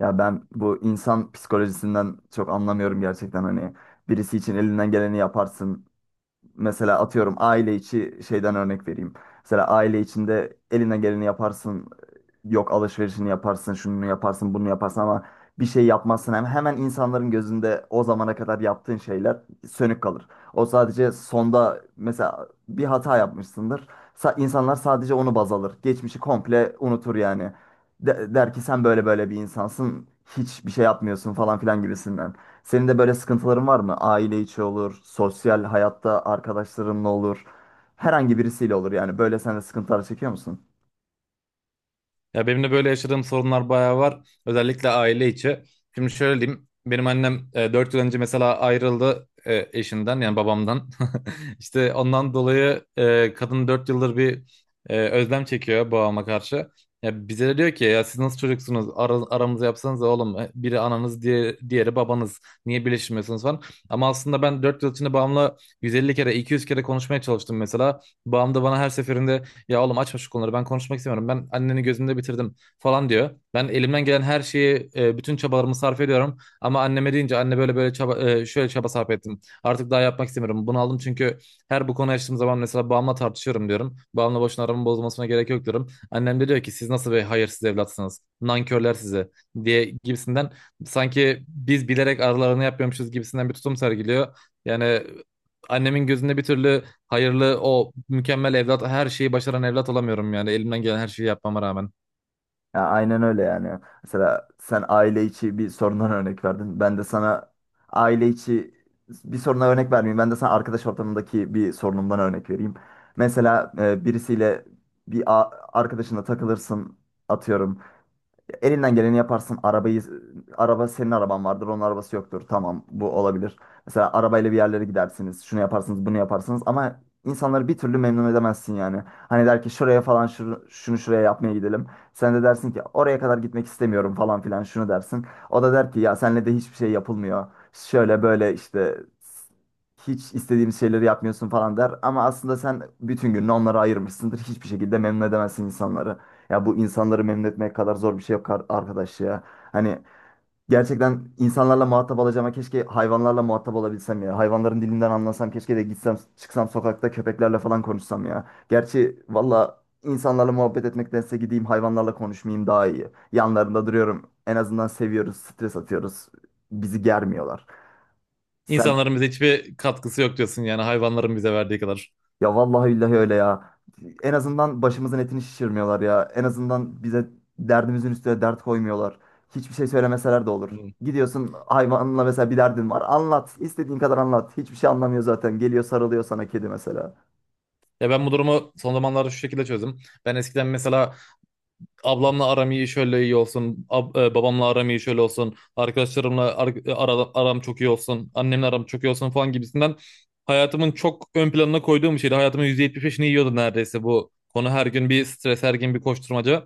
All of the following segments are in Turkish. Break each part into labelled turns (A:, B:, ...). A: Ya ben bu insan psikolojisinden çok anlamıyorum gerçekten. Hani birisi için elinden geleni yaparsın. Mesela atıyorum, aile içi şeyden örnek vereyim. Mesela aile içinde eline geleni yaparsın. Yok alışverişini yaparsın, şunu yaparsın, bunu yaparsın ama bir şey yapmazsın. Hem hemen insanların gözünde o zamana kadar yaptığın şeyler sönük kalır. O sadece sonda mesela bir hata yapmışsındır. İnsanlar sadece onu baz alır. Geçmişi komple unutur yani. Der ki sen böyle böyle bir insansın. Hiçbir şey yapmıyorsun falan filan gibisinden. Senin de böyle sıkıntıların var mı? Aile içi olur, sosyal hayatta arkadaşlarınla olur, herhangi birisiyle olur yani. Böyle sen de sıkıntılar çekiyor musun?
B: Ya benim de böyle yaşadığım sorunlar bayağı var. Özellikle aile içi. Şimdi şöyle diyeyim. Benim annem 4 yıl önce mesela ayrıldı eşinden yani babamdan. İşte ondan dolayı kadın 4 yıldır bir özlem çekiyor babama karşı. Ya bize de diyor ki ya siz nasıl çocuksunuz? Aramızı yapsanız oğlum. Biri ananız diye, diğeri babanız. Niye birleşmiyorsunuz falan. Ama aslında ben 4 yıl içinde babamla 150 kere 200 kere konuşmaya çalıştım mesela. Babam da bana her seferinde ya oğlum açma şu konuları, ben konuşmak istemiyorum. Ben anneni gözümde bitirdim falan diyor. Ben elimden gelen her şeyi bütün çabalarımı sarf ediyorum. Ama anneme deyince anne böyle böyle çaba şöyle çaba sarf ettim, artık daha yapmak istemiyorum. Bunu aldım çünkü her bu konuyu açtığım zaman mesela babamla tartışıyorum diyorum. Babamla boşuna aramın bozulmasına gerek yok diyorum. Annem de diyor ki siz nasıl bir hayırsız evlatsınız, nankörler sizi diye gibisinden, sanki biz bilerek aralarını yapıyormuşuz gibisinden bir tutum sergiliyor. Yani annemin gözünde bir türlü hayırlı o mükemmel evlat, her şeyi başaran evlat olamıyorum yani elimden gelen her şeyi yapmama rağmen.
A: Ya aynen öyle yani. Mesela sen aile içi bir sorundan örnek verdin. Ben de sana aile içi bir soruna örnek vermeyeyim. Ben de sana arkadaş ortamındaki bir sorunumdan örnek vereyim. Mesela birisiyle bir arkadaşınla takılırsın atıyorum. Ya elinden geleni yaparsın. Araba, senin araban vardır, onun arabası yoktur. Tamam, bu olabilir. Mesela arabayla bir yerlere gidersiniz. Şunu yaparsınız, bunu yaparsınız ama insanları bir türlü memnun edemezsin yani. Hani der ki şuraya falan şunu, şunu şuraya yapmaya gidelim. Sen de dersin ki oraya kadar gitmek istemiyorum falan filan şunu dersin. O da der ki ya senle de hiçbir şey yapılmıyor. Şöyle böyle işte hiç istediğimiz şeyleri yapmıyorsun falan der. Ama aslında sen bütün gününü onlara ayırmışsındır. Hiçbir şekilde memnun edemezsin insanları. Ya bu insanları memnun etmek kadar zor bir şey yok arkadaş ya. Hani gerçekten insanlarla muhatap olacağıma keşke hayvanlarla muhatap olabilsem ya. Hayvanların dilinden anlasam keşke de gitsem çıksam sokakta köpeklerle falan konuşsam ya. Gerçi valla insanlarla muhabbet etmektense gideyim hayvanlarla konuşmayayım daha iyi. Yanlarında duruyorum. En azından seviyoruz, stres atıyoruz. Bizi germiyorlar. Sen
B: İnsanların bize hiçbir katkısı yok diyorsun yani hayvanların bize verdiği kadar.
A: ya vallahi billahi öyle ya. En azından başımızın etini şişirmiyorlar ya. En azından bize derdimizin üstüne dert koymuyorlar. Hiçbir şey söylemeseler de olur.
B: Hmm.
A: Gidiyorsun hayvanla, mesela bir derdin var. Anlat, istediğin kadar anlat. Hiçbir şey anlamıyor zaten. Geliyor sarılıyor sana kedi mesela.
B: Ya ben bu durumu son zamanlarda şu şekilde çözdüm. Ben eskiden mesela ablamla aram iyi şöyle iyi olsun, babamla aram iyi şöyle olsun, arkadaşlarımla aram çok iyi olsun, annemle aram çok iyi olsun falan gibisinden hayatımın çok ön planına koyduğum bir şeydi. Hayatımın %75'ini yiyordu neredeyse bu konu, her gün bir stres, her gün bir koşturmaca.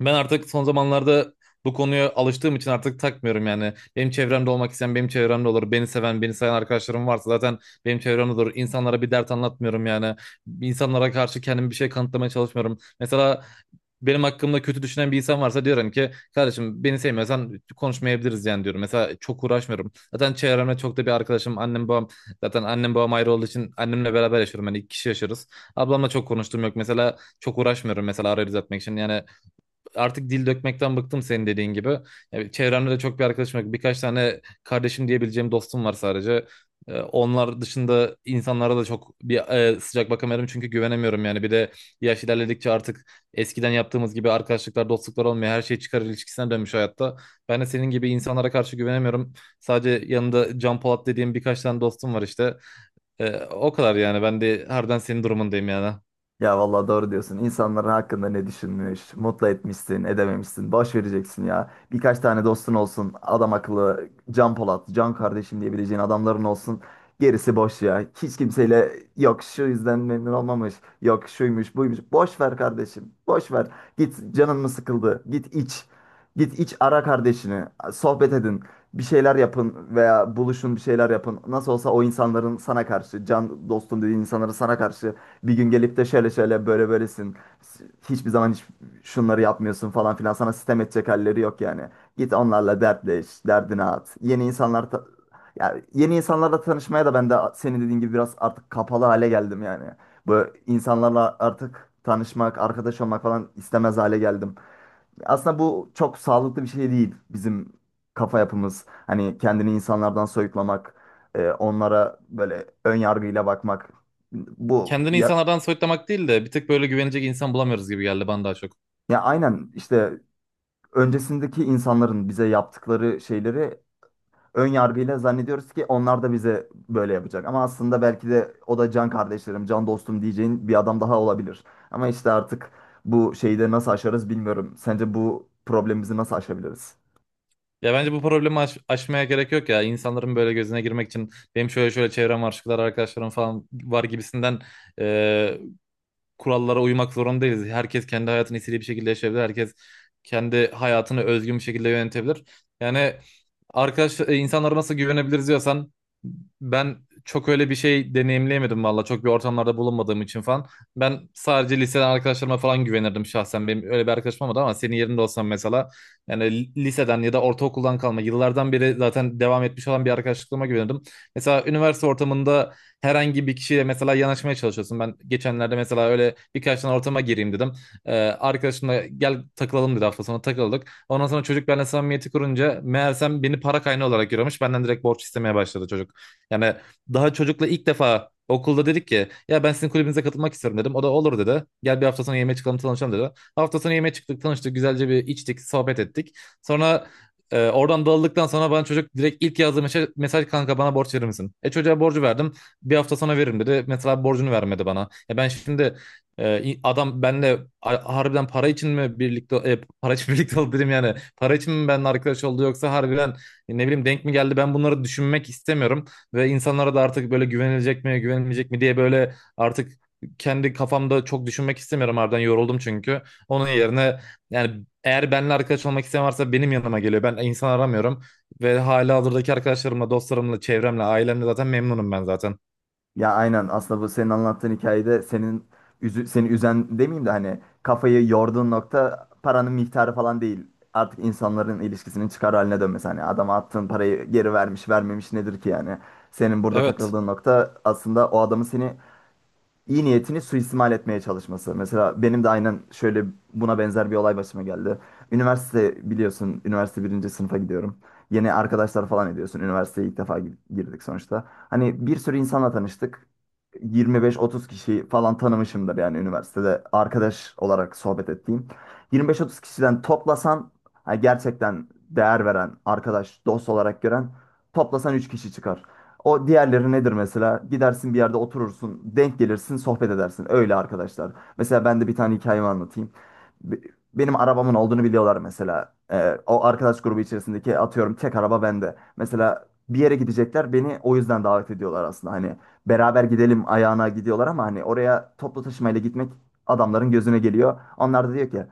B: Ben artık son zamanlarda bu konuya alıştığım için artık takmıyorum yani. Benim çevremde olmak isteyen benim çevremde olur. Beni seven, beni sayan arkadaşlarım varsa zaten benim çevremde olur. İnsanlara bir dert anlatmıyorum yani. İnsanlara karşı kendimi bir şey kanıtlamaya çalışmıyorum. Mesela benim hakkımda kötü düşünen bir insan varsa diyorum ki kardeşim beni sevmiyorsan konuşmayabiliriz yani diyorum. Mesela çok uğraşmıyorum. Zaten çevremde çok da bir arkadaşım annem babam, zaten annem babam ayrı olduğu için annemle beraber yaşıyorum. Yani 2 kişi yaşarız. Ablamla çok konuştuğum yok. Mesela çok uğraşmıyorum mesela arayı düzeltmek için. Yani artık dil dökmekten bıktım senin dediğin gibi. Yani çevremde de çok bir arkadaşım yok. Birkaç tane kardeşim diyebileceğim dostum var sadece. Onlar dışında insanlara da çok bir sıcak bakamıyorum çünkü güvenemiyorum yani. Bir de yaş ilerledikçe artık eskiden yaptığımız gibi arkadaşlıklar, dostluklar olmuyor. Her şey çıkar ilişkisine dönmüş hayatta. Ben de senin gibi insanlara karşı güvenemiyorum. Sadece yanında Can Polat dediğim birkaç tane dostum var işte. O kadar yani. Ben de harbiden senin durumundayım yani.
A: Ya vallahi doğru diyorsun. İnsanların hakkında ne düşünmüş, mutlu etmişsin, edememişsin. Boş vereceksin ya. Birkaç tane dostun olsun. Adam akıllı, Can Polat, Can kardeşim diyebileceğin adamların olsun. Gerisi boş ya. Hiç kimseyle yok şu yüzden memnun olmamış, yok şuymuş, buymuş. Boş ver kardeşim, boş ver. Git, canın mı sıkıldı? Git iç. Git iç, ara kardeşini. Sohbet edin. Bir şeyler yapın veya buluşun bir şeyler yapın. Nasıl olsa o insanların sana karşı, can dostum dediğin insanların sana karşı bir gün gelip de şöyle şöyle böyle böylesin. Hiçbir zaman hiç şunları yapmıyorsun falan filan. Sana sitem edecek halleri yok yani. Git onlarla dertleş, derdini at. Ya yeni insanlarla tanışmaya da ben de senin dediğin gibi biraz artık kapalı hale geldim yani. Bu insanlarla artık tanışmak, arkadaş olmak falan istemez hale geldim. Aslında bu çok sağlıklı bir şey değil, bizim kafa yapımız. Hani kendini insanlardan soyutlamak, onlara böyle ön yargıyla bakmak. Bu
B: Kendini
A: ya,
B: insanlardan soyutlamak değil de bir tık böyle güvenecek insan bulamıyoruz gibi geldi bana daha çok.
A: ya aynen işte öncesindeki insanların bize yaptıkları şeyleri ön yargıyla zannediyoruz ki onlar da bize böyle yapacak. Ama aslında belki de o da can kardeşlerim, can dostum diyeceğin bir adam daha olabilir. Ama işte artık bu şeyi de nasıl aşarız bilmiyorum. Sence bu problemimizi nasıl aşabiliriz?
B: Ya bence bu problemi aşmaya gerek yok ya. İnsanların böyle gözüne girmek için benim şöyle şöyle çevrem var, şu kadar arkadaşlarım falan var gibisinden kurallara uymak zorunda değiliz. Herkes kendi hayatını istediği bir şekilde yaşayabilir. Herkes kendi hayatını özgün bir şekilde yönetebilir. Yani arkadaş insanlara nasıl güvenebiliriz diyorsan ben çok öyle bir şey deneyimleyemedim valla. Çok bir ortamlarda bulunmadığım için falan. Ben sadece liseden arkadaşlarıma falan güvenirdim şahsen. Benim öyle bir arkadaşım olmadı ama senin yerinde olsam mesela yani liseden ya da ortaokuldan kalma yıllardan beri zaten devam etmiş olan bir arkadaşlıklığıma güvenirdim. Mesela üniversite ortamında herhangi bir kişiyle mesela yanaşmaya çalışıyorsun. Ben geçenlerde mesela öyle birkaç tane ortama gireyim dedim. Arkadaşımla gel takılalım dedi, hafta sonu takıldık. Ondan sonra çocuk benimle samimiyeti kurunca meğersem beni para kaynağı olarak görüyormuş. Benden direkt borç istemeye başladı çocuk. Yani daha çocukla ilk defa okulda dedik ki ya ben sizin kulübünüze katılmak istiyorum dedim. O da olur dedi. Gel bir hafta sonu yemeğe çıkalım tanışalım dedi. Hafta sonu yemeğe çıktık, tanıştık, güzelce bir içtik, sohbet ettik. Sonra oradan dağıldıktan sonra bana çocuk direkt ilk yazdığı mesaj kanka bana borç verir misin? Çocuğa borcu verdim, bir hafta sana veririm dedi. Mesela borcunu vermedi bana. Ya ben şimdi adam benle harbiden para için mi birlikte para için birlikte oldu dedim yani. Para için mi benimle arkadaş oldu yoksa harbiden ne bileyim denk mi geldi, ben bunları düşünmek istemiyorum. Ve insanlara da artık böyle güvenilecek mi güvenilmeyecek mi diye böyle artık kendi kafamda çok düşünmek istemiyorum, harbiden yoruldum çünkü. Onun yerine yani eğer benimle arkadaş olmak isteyen varsa benim yanıma geliyor. Ben insan aramıyorum ve halihazırdaki arkadaşlarımla, dostlarımla, çevremle, ailemle zaten memnunum ben zaten.
A: Ya aynen, aslında bu senin anlattığın hikayede senin seni üzen demeyeyim de hani kafayı yorduğun nokta paranın miktarı falan değil. Artık insanların ilişkisinin çıkar haline dönmesi. Hani adama attığın parayı geri vermiş vermemiş nedir ki yani. Senin burada
B: Evet.
A: takıldığın nokta aslında o adamın seni iyi niyetini suistimal etmeye çalışması. Mesela benim de aynen şöyle buna benzer bir olay başıma geldi. Üniversite biliyorsun, üniversite birinci sınıfa gidiyorum. Yeni arkadaşlar falan ediyorsun. Üniversiteye ilk defa girdik sonuçta. Hani bir sürü insanla tanıştık. 25-30 kişi falan tanımışımdır yani üniversitede arkadaş olarak sohbet ettiğim. 25-30 kişiden toplasan ha, gerçekten değer veren, arkadaş, dost olarak gören toplasan 3 kişi çıkar. O diğerleri nedir mesela? Gidersin bir yerde oturursun, denk gelirsin, sohbet edersin. Öyle arkadaşlar. Mesela ben de bir tane hikayemi anlatayım. Be- Benim arabamın olduğunu biliyorlar mesela. O arkadaş grubu içerisindeki atıyorum tek araba bende. Mesela bir yere gidecekler beni o yüzden davet ediyorlar aslında. Hani beraber gidelim ayağına gidiyorlar ama hani oraya toplu taşımayla gitmek adamların gözüne geliyor. Onlar da diyor ki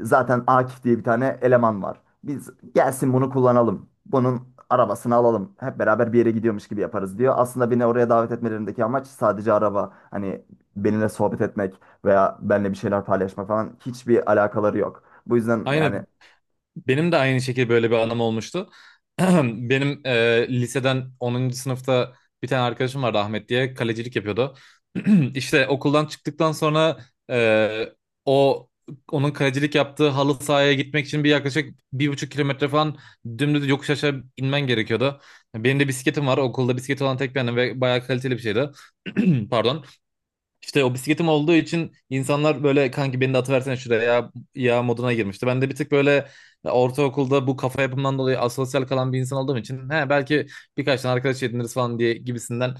A: zaten Akif diye bir tane eleman var. Biz gelsin bunu kullanalım. Bunun arabasını alalım. Hep beraber bir yere gidiyormuş gibi yaparız diyor. Aslında beni oraya davet etmelerindeki amaç sadece araba. Hani benimle sohbet etmek veya benimle bir şeyler paylaşmak falan hiçbir alakaları yok. Bu yüzden yani
B: Aynı. Benim de aynı şekilde böyle bir anım olmuştu. Benim liseden 10. sınıfta bir tane arkadaşım vardı, Ahmet diye, kalecilik yapıyordu. İşte okuldan çıktıktan sonra e, o onun kalecilik yaptığı halı sahaya gitmek için bir yaklaşık 1,5 kilometre falan dümdüz yokuş aşağı inmen gerekiyordu. Benim de bisikletim var. Okulda bisikleti olan tek benim ve bayağı kaliteli bir şeydi. Pardon. İşte o bisikletim olduğu için insanlar böyle kanki beni de atıversene şuraya ya, ya moduna girmişti. Ben de bir tık böyle ortaokulda bu kafa yapımdan dolayı asosyal kalan bir insan olduğum için belki birkaç tane arkadaş ediniriz falan diye gibisinden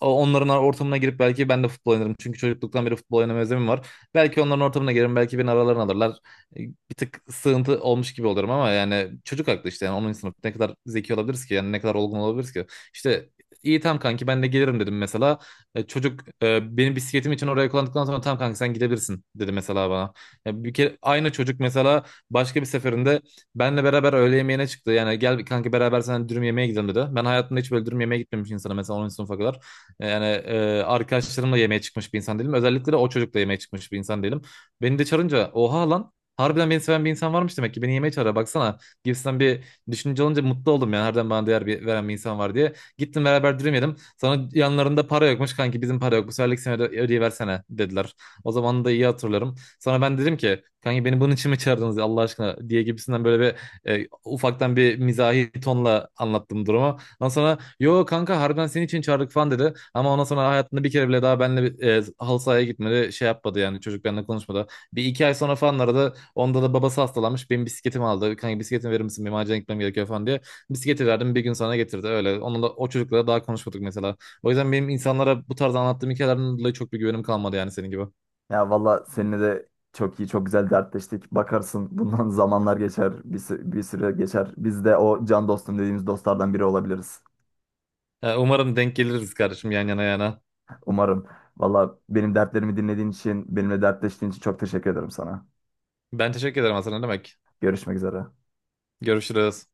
B: onların ortamına girip belki ben de futbol oynarım. Çünkü çocukluktan beri futbol oynama özlemim var. Belki onların ortamına girerim, belki beni aralarına alırlar. Bir tık sığıntı olmuş gibi olurum ama yani çocuk aklı işte, yani onun sınıf ne kadar zeki olabiliriz ki, yani ne kadar olgun olabiliriz ki. İşte iyi, tam kanki ben de gelirim dedim mesela. Çocuk benim bisikletim için oraya kullandıktan sonra tamam kanka sen gidebilirsin dedi mesela bana. Ya bir kere aynı çocuk mesela başka bir seferinde benle beraber öğle yemeğine çıktı. Yani gel kanka beraber sen dürüm yemeğe gidelim dedi. Ben hayatımda hiç böyle dürüm yemeğe gitmemiş insana mesela 10. sınıfa kadar. Yani arkadaşlarımla yemeğe çıkmış bir insan değilim. Özellikle de o çocukla yemeğe çıkmış bir insan değilim. Beni de çağırınca oha lan harbiden beni seven bir insan varmış demek ki beni yemeğe çağırıyor baksana gibisinden bir düşünce olunca mutlu oldum yani, harbiden bana değer veren bir insan var diye. Gittim beraber dürüm yedim. Sonra yanlarında para yokmuş, kanki bizim para yok, bu seferlik sene ödeyiversene dediler. O zaman da iyi hatırlarım. Sonra ben dedim ki kanki beni bunun için mi çağırdınız ya Allah aşkına diye gibisinden böyle bir ufaktan bir mizahi tonla anlattım durumu. Ondan sonra yo kanka harbiden senin için çağırdık falan dedi. Ama ondan sonra hayatında bir kere bile daha benimle halı sahaya gitmedi. Şey yapmadı yani, çocuk benimle konuşmadı. Bir iki ay sonra falan aradı. Onda da babası hastalanmış. Benim bisikletimi aldı. Kanka bisikletimi verir misin? Benim acilen gitmem gerekiyor falan diye. Bisikleti verdim, bir gün sana getirdi öyle. Onunla, o çocukla daha konuşmadık mesela. O yüzden benim insanlara bu tarz anlattığım hikayelerden dolayı çok bir güvenim kalmadı yani senin gibi.
A: ya valla seninle de çok iyi çok güzel dertleştik. Bakarsın bundan zamanlar geçer, bir süre geçer. Biz de o can dostum dediğimiz dostlardan biri olabiliriz.
B: Ya, umarım denk geliriz kardeşim, yan yana yana.
A: Umarım. Valla benim dertlerimi dinlediğin için, benimle dertleştiğin için çok teşekkür ederim sana.
B: Ben teşekkür ederim Hasan, ne demek.
A: Görüşmek üzere.
B: Görüşürüz.